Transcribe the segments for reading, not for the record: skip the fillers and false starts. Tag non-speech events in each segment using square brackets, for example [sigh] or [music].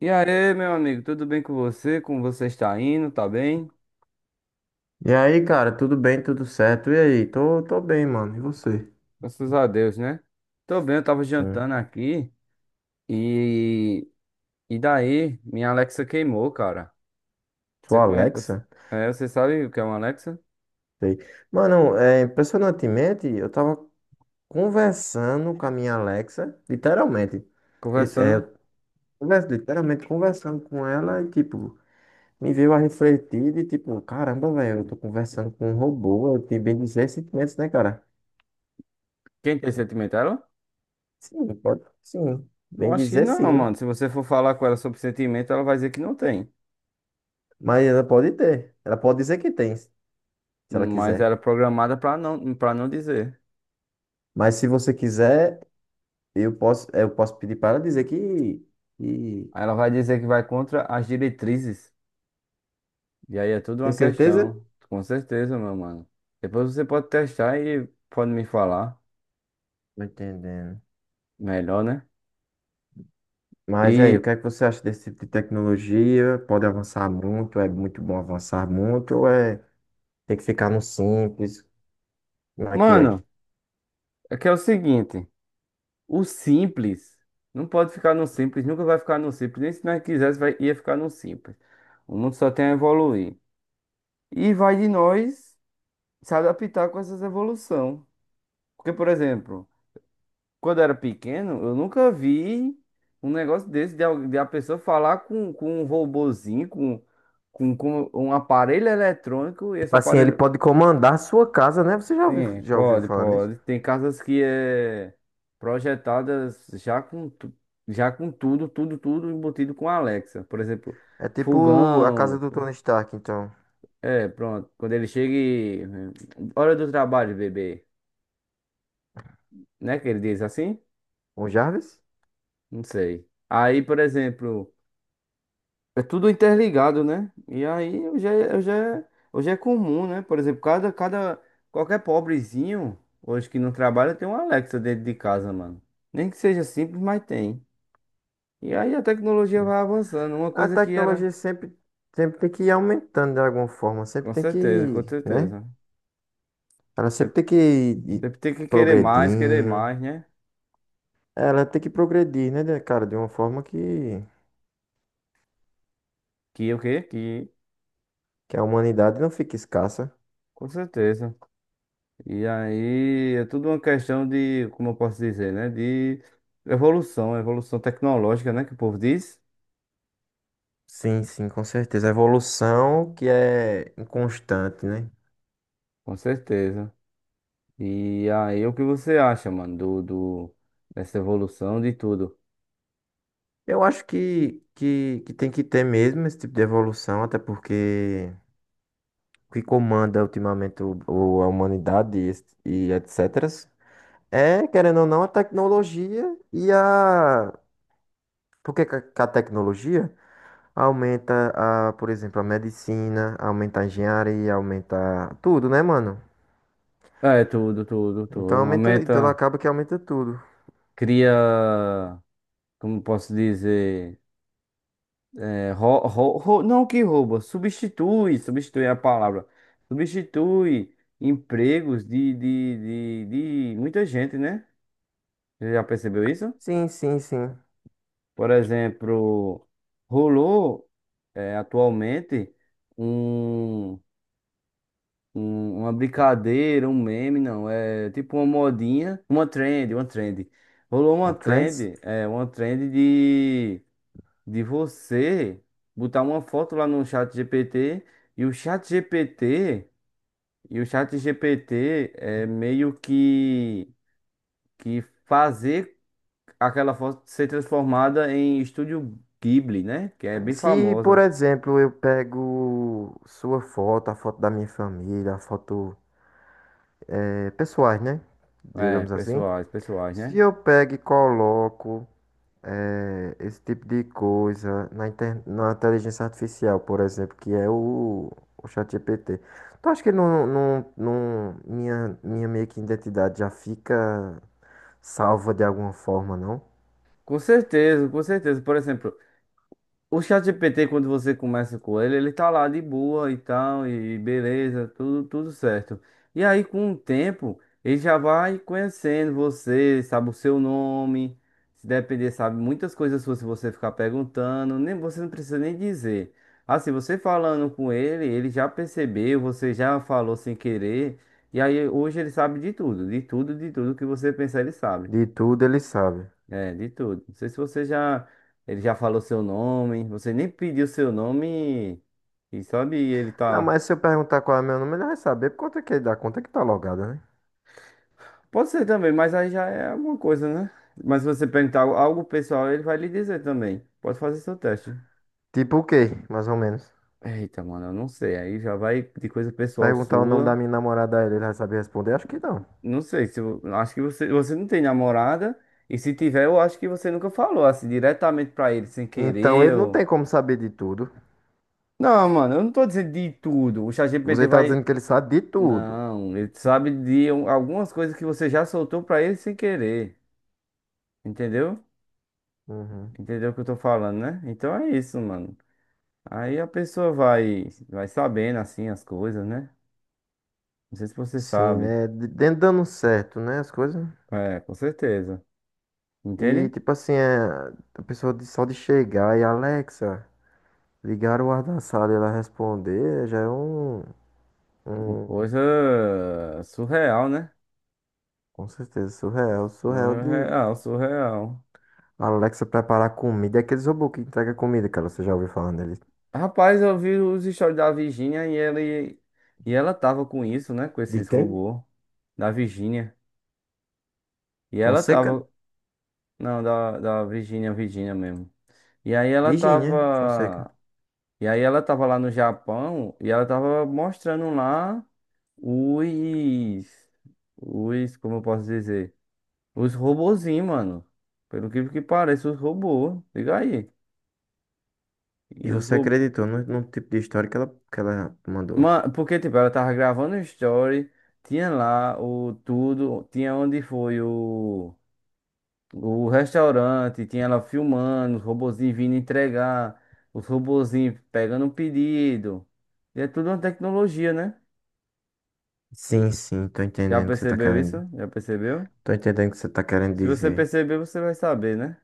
E aí, meu amigo, tudo bem com você? Como você está indo? Tá bem? E aí, cara, tudo bem, tudo certo? E aí? Tô bem, mano. E você? Graças a Deus, né? Tô bem, eu tava Hum. jantando aqui e e daí minha Alexa queimou, cara. Você Sua conhece? Alexa? É, você sabe o que é uma Alexa? Sei. Mano, impressionantemente, eu tava conversando com a minha Alexa, literalmente. Conversando. Eu literalmente conversando com ela e, tipo, me veio a refletir de, tipo, caramba, velho, eu tô conversando com um robô, eu tenho bem dizer sentimentos, né, cara? Quem tem sentimento? Ela? Sim, pode, sim. Eu Bem acho que dizer não, mano. sim. Se você for falar com ela sobre sentimento, ela vai dizer que não tem. Mas ela pode ter. Ela pode dizer que tem, se ela Mas quiser. ela é programada pra não para não dizer. Mas se você quiser. Eu posso pedir para ela dizer que. Aí, ela vai dizer que vai contra as diretrizes. E aí é tudo Tem uma certeza? questão, com certeza, meu mano. Depois você pode testar e pode me falar Tô entendendo. melhor, né? Mas aí, o E, que é que você acha desse tipo de tecnologia? Pode avançar muito? É muito bom avançar muito? Ou é tem que ficar no simples? Como é que é? Tipo mano, é que é o seguinte, o simples não pode ficar no simples, nunca vai ficar no simples, nem se nós quisesse vai, ia ficar no simples. O mundo só tem a evoluir. E vai de nós se adaptar com essas evolução. Porque, por exemplo, quando eu era pequeno, eu nunca vi um negócio desse de, de a pessoa falar com um robozinho, com um aparelho eletrônico, e esse assim, ele aparelho. pode comandar a sua casa, né? Você já ouviu, Sim, já ouviu pode, falar nisso? pode. Tem casas que é projetadas já com tudo, tudo, tudo embutido com Alexa. Por exemplo, É tipo a casa fogão. do Tony Stark, então. É, pronto. Quando ele chega e, hora do trabalho, bebê. Né que ele diz assim? O Jarvis? Não sei. Aí, por exemplo. É tudo interligado, né? E aí hoje é comum, né? Por exemplo, qualquer pobrezinho hoje que não trabalha tem um Alexa dentro de casa, mano. Nem que seja simples, mas tem. E aí a tecnologia Sim. vai avançando. Uma A coisa que era. tecnologia sempre tem que ir aumentando de alguma forma. Sempre Com tem certeza, com que, né? certeza. Ela sempre Sempre, tem que ir sempre tem que querer progredindo. mais, né? Ela tem que progredir, né, cara? De uma forma Que o quê? Que. que a humanidade não fique escassa. Com certeza. E aí é tudo uma questão de, como eu posso dizer, né? De evolução tecnológica, né? Que o povo diz. Sim, sim, com certeza. A evolução que é inconstante, né? Com certeza. E aí, o que você acha, mano, dessa evolução de tudo? Eu acho que tem que ter mesmo esse tipo de evolução, até porque o que comanda ultimamente a humanidade e etc. É, querendo ou não, a tecnologia e a. Por que que a tecnologia? Aumenta a, por exemplo, a medicina, aumenta a engenharia, aumenta tudo, né, mano? É, tudo, tudo, tudo. Então aumenta, então Aumenta, acaba que aumenta tudo. cria, como posso dizer, não que rouba, substitui, substitui é a palavra, substitui empregos de muita gente, né? Você já percebeu isso? Sim, sim, sim. Por exemplo, rolou, atualmente um. Uma brincadeira, um meme, não. É tipo uma modinha, uma trend. Rolou uma O Trends. trend, é, uma trend de você botar uma foto lá no chat GPT e o chat GPT, e o chat GPT é meio que fazer aquela foto ser transformada em estúdio Ghibli, né? Que é bem Se, por famosa. exemplo, eu pego sua foto, a foto da minha família, a foto pessoais, né? É, Digamos assim. pessoais, pessoais, Se né? eu pego e coloco esse tipo de coisa na, na inteligência artificial, por exemplo, que é o ChatGPT. Tu acha que não, minha meio que identidade já fica salva de alguma forma, não? Com certeza, com certeza. Por exemplo, o ChatGPT, quando você começa com ele, ele tá lá de boa e tal, e beleza, tudo, tudo certo. E aí, com o tempo, ele já vai conhecendo você, sabe o seu nome, se depender, sabe muitas coisas suas se você ficar perguntando, nem você não precisa nem dizer. Assim, você falando com ele, ele já percebeu, você já falou sem querer, e aí hoje ele sabe de tudo, de tudo, de tudo que você pensar, ele sabe. De tudo ele sabe. É, de tudo. Não sei se você já. Ele já falou seu nome. Você nem pediu seu nome. E sabe, ele Não, tá. mas se eu perguntar qual é meu nome, ele vai saber por conta que ele dá conta que tá logada, né? Pode ser também, mas aí já é alguma coisa, né? Mas se você perguntar algo pessoal, ele vai lhe dizer também. Pode fazer seu teste. Tipo o quê, mais ou menos? Eita, mano, eu não sei. Aí já vai de coisa pessoal Perguntar o nome da sua. minha namorada a ele, ele vai saber responder? Acho que não. Não sei se eu acho que você não tem namorada. E se tiver, eu acho que você nunca falou assim diretamente pra ele, sem Então querer. ele não Ou... tem como saber de tudo. Não, mano, eu não tô dizendo de tudo. O ChatGPT Você tá vai. dizendo que ele sabe de tudo. Não, ele sabe de algumas coisas que você já soltou pra ele sem querer. Entendeu? Uhum. Entendeu o que eu tô falando, né? Então é isso, mano. Aí a pessoa vai, vai sabendo assim as coisas, né? Não sei se você Sim, sabe. né? Dentro dando certo, né? As coisas. É, com certeza. E Entende? tipo assim, é, a pessoa só de chegar e Alexa, ligar o ar da sala e ela responder já é Uma um coisa surreal, né? com certeza surreal. Surreal de Surreal, surreal. a Alexa preparar comida. É aqueles robôs que entrega comida, cara. Você já ouviu falando deles? Rapaz, eu vi os stories da Virgínia e ela tava com isso, né? Com De esses quem? robôs da Virgínia. E ela Fonseca? tava. Não, da Virgínia, Virgínia mesmo. E aí ela Virgínia Fonseca. tava. E aí ela tava lá no Japão e ela tava mostrando lá os. Os, como eu posso dizer? Os robozinhos, mano. Pelo que parece, os robôs. Liga aí. E E os você robôs. acreditou no tipo de história que ela mandou? Mano, porque, tipo, ela tava gravando o story, tinha lá o tudo, tinha onde foi o. O restaurante tinha ela filmando, os robozinhos vindo entregar, os robozinhos pegando o pedido. E é tudo uma tecnologia, né? Sim, sim, tô Já entendendo o que você tá percebeu isso? querendo. Já percebeu? Tô entendendo o que você tá querendo Se você dizer. perceber, você vai saber, né?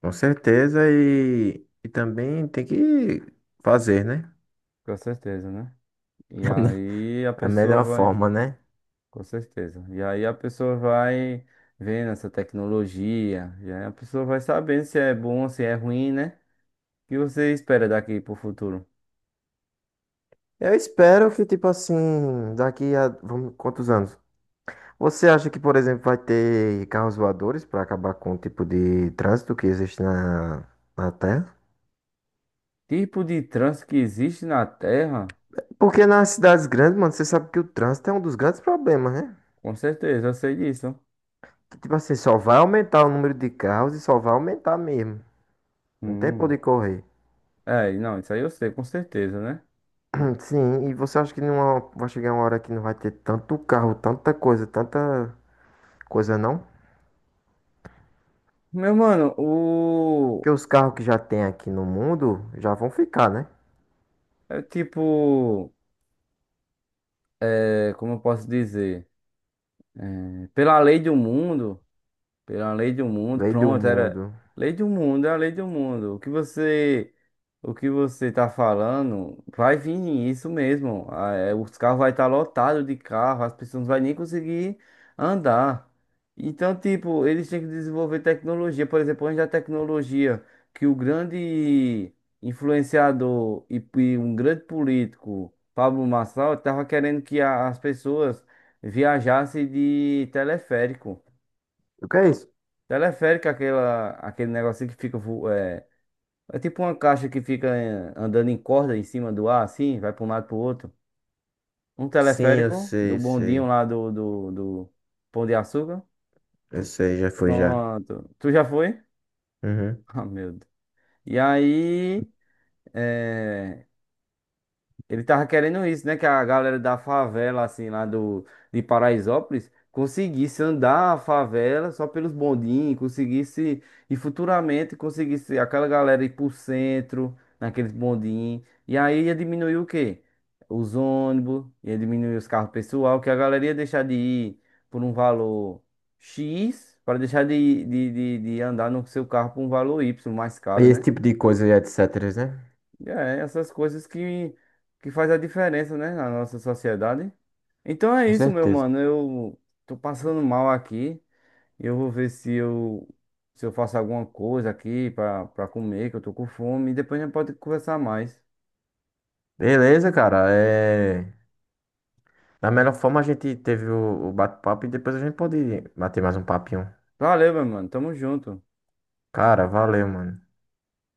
Com certeza, e também tem que fazer, né? Com certeza, né? E [laughs] aí a A pessoa melhor vai. forma, né? Com certeza. E aí a pessoa vai vendo essa tecnologia. E aí a pessoa vai sabendo se é bom, se é ruim, né? O que você espera daqui pro futuro? Eu espero que, tipo assim, quantos anos? Você acha que, por exemplo, vai ter carros voadores para acabar com o tipo de trânsito que existe na Terra? Tipo de trânsito que existe na Terra? Porque nas cidades grandes, mano, você sabe que o trânsito é um dos grandes problemas, né? Com certeza, eu sei disso. Que, tipo assim, só vai aumentar o número de carros e só vai aumentar mesmo. Não tem por Hum. onde correr. É, não, isso aí eu sei, com certeza, né? Sim, e você acha que numa, vai chegar uma hora que não vai ter tanto carro, tanta coisa não? Meu mano, o. Porque os carros que já tem aqui no mundo já vão ficar, né? É tipo. É, como eu posso dizer? É, pela lei do mundo. Pela lei do mundo. Lei do Pronto, era mundo. lei do mundo, é a lei do mundo. O que você tá falando vai vir isso mesmo. Ah, é, os carros vai estar lotados de carro, as pessoas não vão nem conseguir andar. Então, tipo, eles têm que desenvolver tecnologia. Por exemplo, onde a tecnologia que o grande influenciador e um grande político, Pablo Marçal, estava querendo que as pessoas viajassem de teleférico. O que é isso? Teleférico, é aquele negocinho que fica. É, tipo uma caixa que fica eh, andando em corda em cima do ar, assim, vai para um lado pro outro. Um Sim, eu teleférico do sei, bondinho sei. lá do Pão de Açúcar. Eu sei, já foi já. Pronto. Tu já foi? [laughs] Uhum. Ah, meu Deus. E aí. é, Ele tava querendo isso, né? Que a galera da favela, assim, lá do, de Paraisópolis, conseguisse andar a favela só pelos bondinhos, conseguisse, e futuramente conseguisse aquela galera ir pro centro, naqueles bondinhos. E aí ia diminuir o quê? Os ônibus, ia diminuir os carros pessoal, que a galera ia deixar de ir por um valor X, para deixar de andar no seu carro por um valor Y mais caro, Esse né? tipo de coisa e etc, né? É, essas coisas que faz a diferença, né, na nossa sociedade. Então é Com isso, meu certeza. mano. Eu tô passando mal aqui. Eu vou ver se eu faço alguma coisa aqui pra, comer, que eu tô com fome. E depois a gente pode conversar mais. Beleza, cara. É... Da melhor forma a gente teve o bate-papo e depois a gente pode bater mais um papinho. Valeu, meu mano. Tamo junto. Cara, valeu, mano.